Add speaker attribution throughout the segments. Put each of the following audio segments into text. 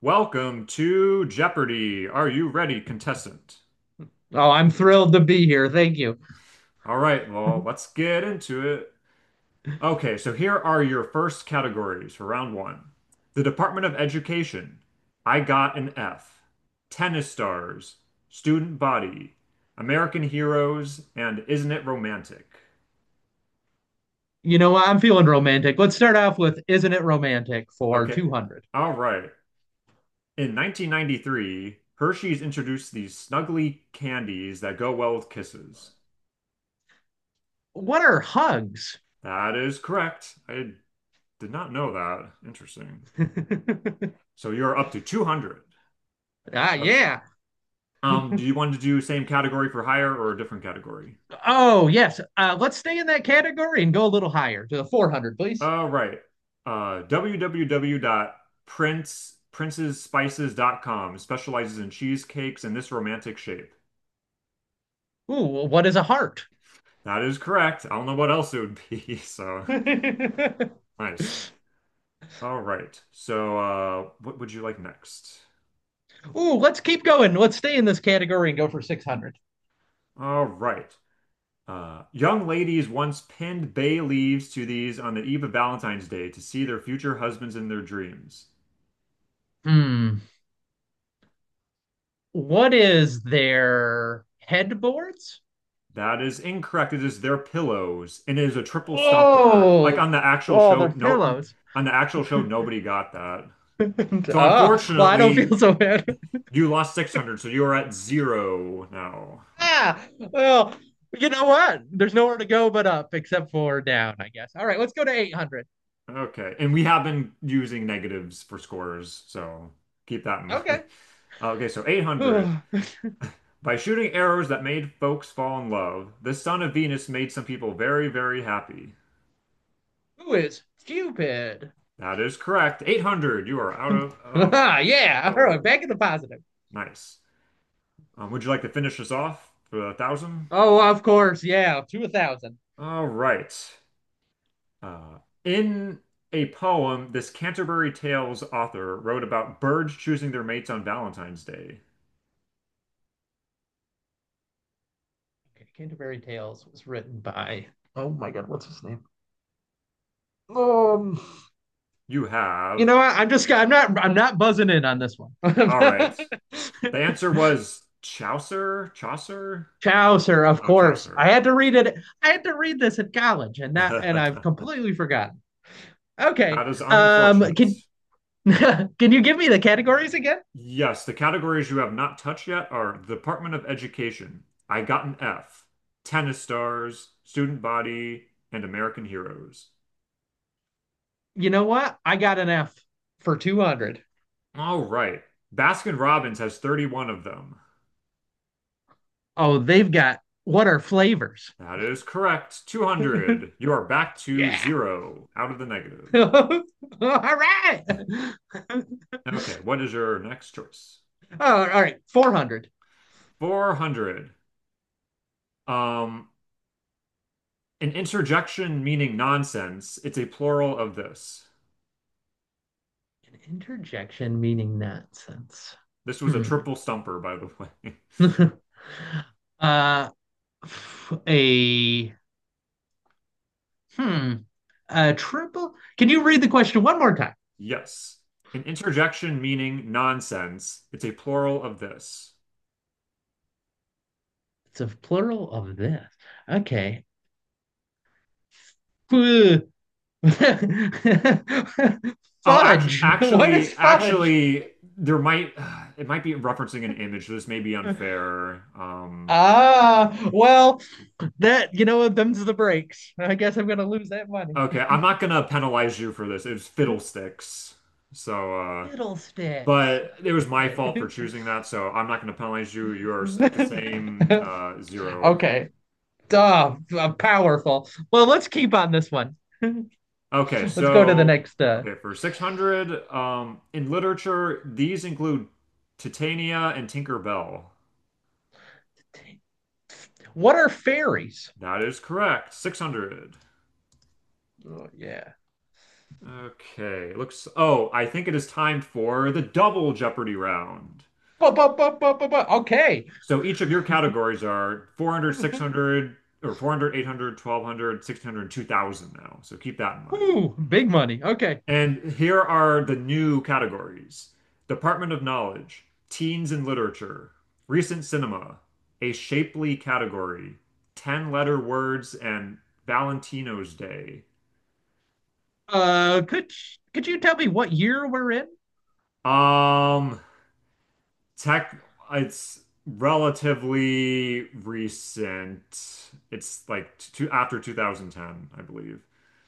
Speaker 1: Welcome to Jeopardy! Are you ready, contestant?
Speaker 2: Oh, I'm thrilled to be here. Thank you.
Speaker 1: All right, well, let's get into it. Okay, so here are your first categories for round one. The Department of Education. I got an F. Tennis stars. Student body. American heroes. And Isn't It Romantic?
Speaker 2: You know what? I'm feeling romantic. Let's start off with Isn't It Romantic for
Speaker 1: Okay,
Speaker 2: 200?
Speaker 1: all right. In 1993, Hershey's introduced these snuggly candies that go well with kisses.
Speaker 2: What are hugs?
Speaker 1: That is correct. I did not know that. Interesting. So you're up to 200. Okay.
Speaker 2: Yeah.
Speaker 1: Do you want to do same category for higher or a different category?
Speaker 2: Oh, yes. Let's stay in that category and go a little higher to the 400, please.
Speaker 1: Right. Www.princesspices.com specializes in cheesecakes in this romantic shape.
Speaker 2: Ooh, what is a heart?
Speaker 1: That is correct. I don't know what else it would be. So
Speaker 2: Ooh,
Speaker 1: nice. All right. So, what would you like next?
Speaker 2: let's keep going. Let's stay in this category and go for 600.
Speaker 1: All right. Young ladies once pinned bay leaves to these on the eve of Valentine's Day to see their future husbands in their dreams.
Speaker 2: Hmm. What is their headboards?
Speaker 1: That is incorrect. It is their pillows, and it is a triple stumper. Like
Speaker 2: Oh,
Speaker 1: on the actual
Speaker 2: oh,
Speaker 1: show,
Speaker 2: they're
Speaker 1: no,
Speaker 2: pillows.
Speaker 1: on the actual show, nobody got that. So
Speaker 2: Ah, well, I don't feel
Speaker 1: unfortunately,
Speaker 2: so bad.
Speaker 1: you lost 600, so you're at zero now, unfortunately.
Speaker 2: Well, you know what? There's nowhere to go but up except for down, I guess. All right, let's go to 800.
Speaker 1: Okay, and we have been using negatives for scores, so keep that in mind.
Speaker 2: Okay.
Speaker 1: Okay, so 800.
Speaker 2: Ugh.
Speaker 1: By shooting arrows that made folks fall in love, the son of Venus made some people very, very happy.
Speaker 2: Who is stupid?
Speaker 1: That is correct. 800. You are out of, of
Speaker 2: Yeah.
Speaker 1: the
Speaker 2: All right,
Speaker 1: hole.
Speaker 2: back in the positive.
Speaker 1: Nice. Would you like to finish this off for a thousand?
Speaker 2: Oh, of course. Yeah, to 1,000.
Speaker 1: All right. Uh, in a poem, this Canterbury Tales author wrote about birds choosing their mates on Valentine's Day.
Speaker 2: Okay, Canterbury Tales was written by. Oh my God, what's his name? Um,
Speaker 1: You
Speaker 2: you
Speaker 1: have.
Speaker 2: know what? I'm not buzzing in on this one.
Speaker 1: All right. The answer was Chaucer? Chaucer?
Speaker 2: Chaucer, of
Speaker 1: Oh,
Speaker 2: course. I
Speaker 1: Chaucer.
Speaker 2: had to read it. I had to read this at college, and that and I've completely forgotten. Okay.
Speaker 1: That is unfortunate.
Speaker 2: Can can you give me the categories again?
Speaker 1: Yes, the categories you have not touched yet are Department of Education, I Got an F, Tennis Stars, Student Body, and American Heroes.
Speaker 2: You know what? I got an F for 200.
Speaker 1: All right. Baskin-Robbins has 31 of them.
Speaker 2: Oh, they've got what are flavors?
Speaker 1: That is correct. 200. You are back to
Speaker 2: Yeah.
Speaker 1: zero, out of the negative.
Speaker 2: All right. Oh,
Speaker 1: Okay, what is your next choice?
Speaker 2: all right. 400.
Speaker 1: 400. Um, an interjection meaning nonsense. It's a plural of this.
Speaker 2: An interjection meaning nonsense.
Speaker 1: This was a
Speaker 2: Hmm.
Speaker 1: triple stumper, by the way.
Speaker 2: uh, A hmm. A triple? Can you read the question one more time?
Speaker 1: Yes. An interjection meaning nonsense. It's a plural of this.
Speaker 2: It's a plural of this. Okay. Fudge.
Speaker 1: Oh, actually,
Speaker 2: What is
Speaker 1: actually,
Speaker 2: fudge?
Speaker 1: actually, there might it might be referencing an image. This may be unfair.
Speaker 2: Ah, well, that you know what? Them's the breaks. I guess I'm gonna lose that money.
Speaker 1: Okay, I'm not gonna penalize you for this. It was fiddlesticks. So,
Speaker 2: Fiddlesticks.
Speaker 1: but it was my
Speaker 2: Okay.
Speaker 1: fault for choosing that. So I'm not gonna penalize you. You are at the same zero.
Speaker 2: Okay. Duh, powerful. Well, let's keep on this one.
Speaker 1: Okay,
Speaker 2: Let's go to the
Speaker 1: so
Speaker 2: next.
Speaker 1: okay, for 600, in literature, these include Titania and Tinker Bell.
Speaker 2: What are fairies?
Speaker 1: That is correct. 600.
Speaker 2: Oh, yeah.
Speaker 1: Okay, I think it is time for the double Jeopardy round.
Speaker 2: Ba, ba, ba, ba, ba, ba. Okay.
Speaker 1: So each of your categories are 400, six hundred, or 400, now. So keep that in mind.
Speaker 2: Ooh, big money. Okay.
Speaker 1: And here are the new categories: Department of Knowledge, Teens and Literature, Recent Cinema, A Shapely Category, 10 Letter Words, and Valentino's Day.
Speaker 2: Uh, could could you tell me what year we're in?
Speaker 1: Um, tech, it's relatively recent. It's like after 2010, I believe.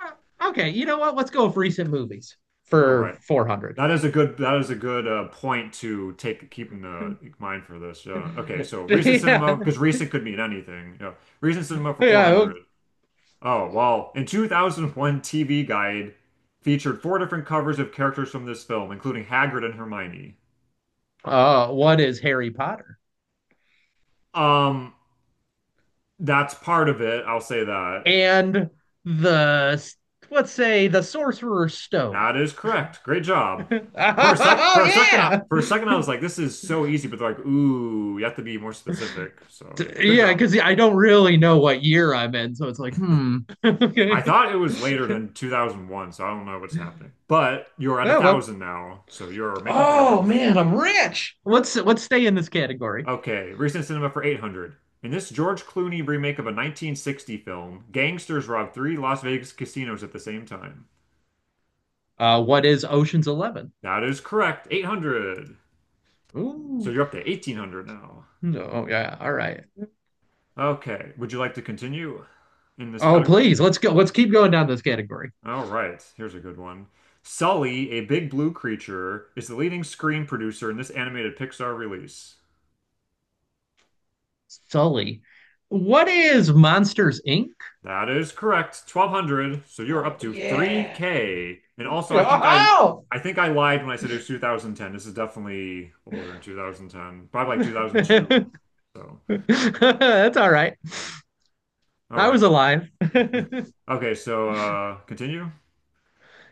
Speaker 2: Okay, you know what? Let's go with recent movies
Speaker 1: All
Speaker 2: for
Speaker 1: right.
Speaker 2: 400.
Speaker 1: That is a good point to take keep in the mind for this. Okay, so recent cinema
Speaker 2: Yeah.
Speaker 1: because recent could mean anything. Yeah, recent cinema for
Speaker 2: Yeah.
Speaker 1: 400. Oh, well, in 2001 TV Guide featured four different covers of characters from this film, including Hagrid and Hermione.
Speaker 2: One Harry Potter
Speaker 1: Um, that's part of it. I'll say that.
Speaker 2: and the, let's say, the Sorcerer's Stone.
Speaker 1: That is correct. Great job. For a
Speaker 2: Oh
Speaker 1: sec,
Speaker 2: oh
Speaker 1: for a second,
Speaker 2: yeah.
Speaker 1: I was like, this is so easy, but they're like, ooh, you have to be more specific. So, good
Speaker 2: Yeah,
Speaker 1: job.
Speaker 2: because I don't really know what year I'm in, so it's like, hmm.
Speaker 1: I
Speaker 2: Okay.
Speaker 1: thought it was later than 2001, so I don't know what's happening. But you're at
Speaker 2: Oh well.
Speaker 1: 1,000 now, so you're making
Speaker 2: Oh
Speaker 1: progress.
Speaker 2: man, I'm rich. Let's stay in this category.
Speaker 1: Okay, recent cinema for 800. In this George Clooney remake of a 1960 film, gangsters rob three Las Vegas casinos at the same time.
Speaker 2: What is Ocean's Eleven?
Speaker 1: That is correct, 800. So
Speaker 2: Ooh,
Speaker 1: you're up to 1,800 now.
Speaker 2: no, oh, yeah, all right.
Speaker 1: Okay, would you like to continue in this
Speaker 2: Oh,
Speaker 1: category?
Speaker 2: please, let's go. Let's keep going down this category.
Speaker 1: All right, here's a good one. Sully, a big blue creature, is the leading screen producer in this animated Pixar release.
Speaker 2: Sully. What is Monsters Inc?
Speaker 1: That is correct. 1,200. So you're up
Speaker 2: Oh
Speaker 1: to
Speaker 2: yeah.
Speaker 1: 3K. And also I think I
Speaker 2: Oh,
Speaker 1: I think I lied when I said it was 2010. This is definitely older than 2010. Probably like 2002.
Speaker 2: that's
Speaker 1: So,
Speaker 2: all right.
Speaker 1: all
Speaker 2: I was
Speaker 1: right.
Speaker 2: alive.
Speaker 1: Okay, so continue.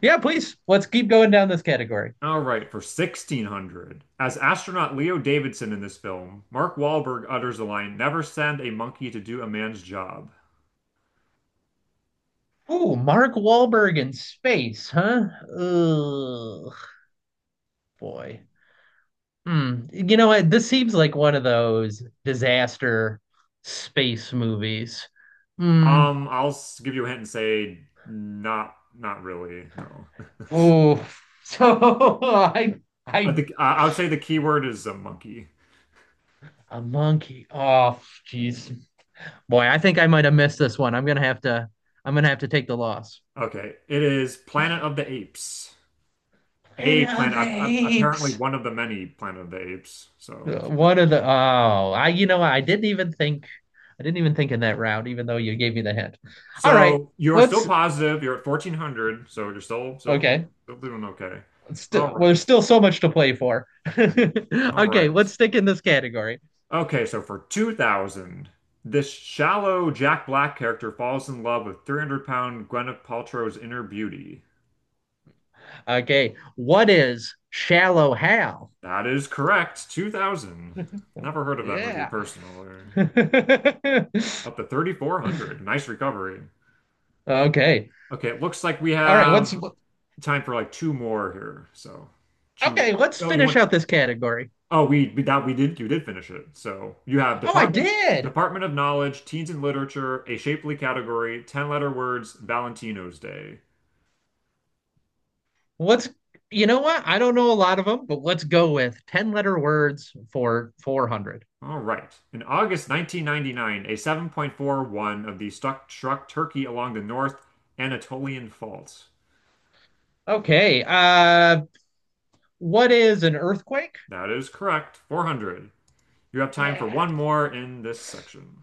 Speaker 2: Yeah, please. Let's keep going down this category.
Speaker 1: All right, for 1,600. As astronaut Leo Davidson in this film, Mark Wahlberg utters the line, "Never send a monkey to do a man's job."
Speaker 2: Ooh, Mark Wahlberg in space, huh? Ugh, boy. Hmm. You know what? This seems like one of those disaster space movies. Hmm.
Speaker 1: Give you a hint and say not really. No.
Speaker 2: Oh, so
Speaker 1: I
Speaker 2: I,
Speaker 1: think I I would say the key word is a monkey.
Speaker 2: a monkey. Oh, jeez. Boy, I think I might have missed this one. I'm gonna have to take the loss.
Speaker 1: Okay, it is Planet of the Apes. A
Speaker 2: Planet of
Speaker 1: planet,
Speaker 2: the
Speaker 1: a- apparently
Speaker 2: Apes.
Speaker 1: one of the many Planet of the Apes. So,
Speaker 2: One of the, oh, I didn't even think in that round, even though you gave me the hint. All right,
Speaker 1: so you're still
Speaker 2: let's,
Speaker 1: positive. You're at 1,400, so you're still still,
Speaker 2: okay.
Speaker 1: still doing okay. All
Speaker 2: Still, well,
Speaker 1: right.
Speaker 2: there's still so much to play for.
Speaker 1: All
Speaker 2: Okay, let's
Speaker 1: right.
Speaker 2: stick in this category.
Speaker 1: Okay, so for 2000, this shallow Jack Black character falls in love with 300-pound Gwyneth Paltrow's inner beauty.
Speaker 2: Okay, what is shallow Hal?
Speaker 1: That is correct. 2000. Never heard of that movie
Speaker 2: Yeah.
Speaker 1: personally.
Speaker 2: Okay.
Speaker 1: Up to 3,400. Nice recovery.
Speaker 2: All
Speaker 1: Okay, it looks like we
Speaker 2: right, let's
Speaker 1: have time for like two more here. So, two.
Speaker 2: okay, let's
Speaker 1: Oh, you
Speaker 2: finish
Speaker 1: want
Speaker 2: out this category.
Speaker 1: oh we that we did you did finish it. So you have
Speaker 2: Oh, I
Speaker 1: Department
Speaker 2: did.
Speaker 1: Department of Knowledge, Teens and Literature, a shapely category, 10 letter words, Valentino's Day.
Speaker 2: Let's You know what? I don't know a lot of them, but let's go with 10 letter words for 400.
Speaker 1: All right. In August 1999, a 7.41 of the stuck struck Turkey along the North Anatolian Fault.
Speaker 2: Okay. What is an earthquake?
Speaker 1: That is correct. 400. You have time for
Speaker 2: Yeah.
Speaker 1: one more in this section.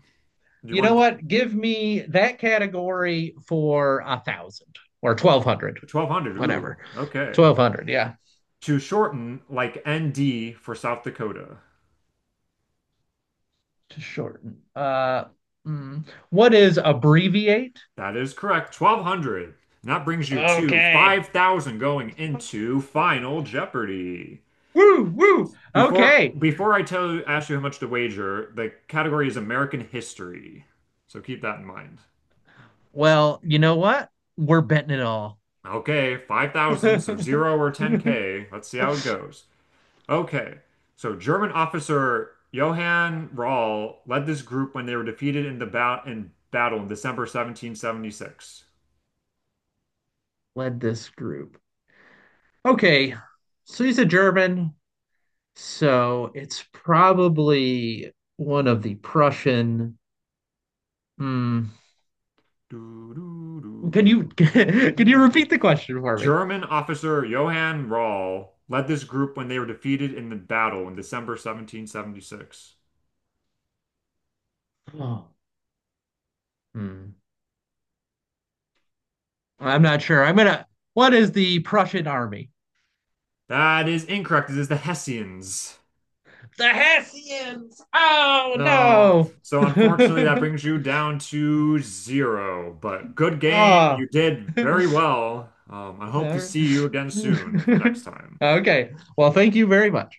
Speaker 1: Do you
Speaker 2: You know
Speaker 1: want
Speaker 2: what? Give me that category for 1,000 or 1,200,
Speaker 1: 1,200?
Speaker 2: whatever.
Speaker 1: Ooh, okay.
Speaker 2: Twelve hundred, yeah.
Speaker 1: To shorten, like ND for South Dakota.
Speaker 2: To shorten. Mm, what is abbreviate?
Speaker 1: That is correct. 1,200. And that brings you to
Speaker 2: Okay.
Speaker 1: 5,000 going into Final Jeopardy.
Speaker 2: Woo, woo.
Speaker 1: Before
Speaker 2: Okay.
Speaker 1: before I ask you how much to wager, the category is American history. So keep that in mind.
Speaker 2: Well, you know what? We're betting it all.
Speaker 1: Okay, 5,000, so 0 or 10K. Let's see how it goes. Okay. So German officer Johann Rall led this group when they were defeated in battle in December 1776.
Speaker 2: Led this group. Okay. So he's a German. So it's probably one of the Prussian. Hmm.
Speaker 1: Do, do,
Speaker 2: Can
Speaker 1: do,
Speaker 2: you can you
Speaker 1: do, do,
Speaker 2: repeat the question for me?
Speaker 1: German officer Johann Rall led this group when they were defeated in the battle in December 1776.
Speaker 2: Oh. Hmm. I'm not sure. I'm gonna. What is the Prussian army?
Speaker 1: That is incorrect. It is the Hessians.
Speaker 2: The Hessians. Oh
Speaker 1: No.
Speaker 2: no.
Speaker 1: So, unfortunately, that brings you down to zero. But good game.
Speaker 2: Ah.
Speaker 1: You did
Speaker 2: All
Speaker 1: very well. I hope to
Speaker 2: right.
Speaker 1: see you again soon for next time.
Speaker 2: Okay. Well, thank you very much.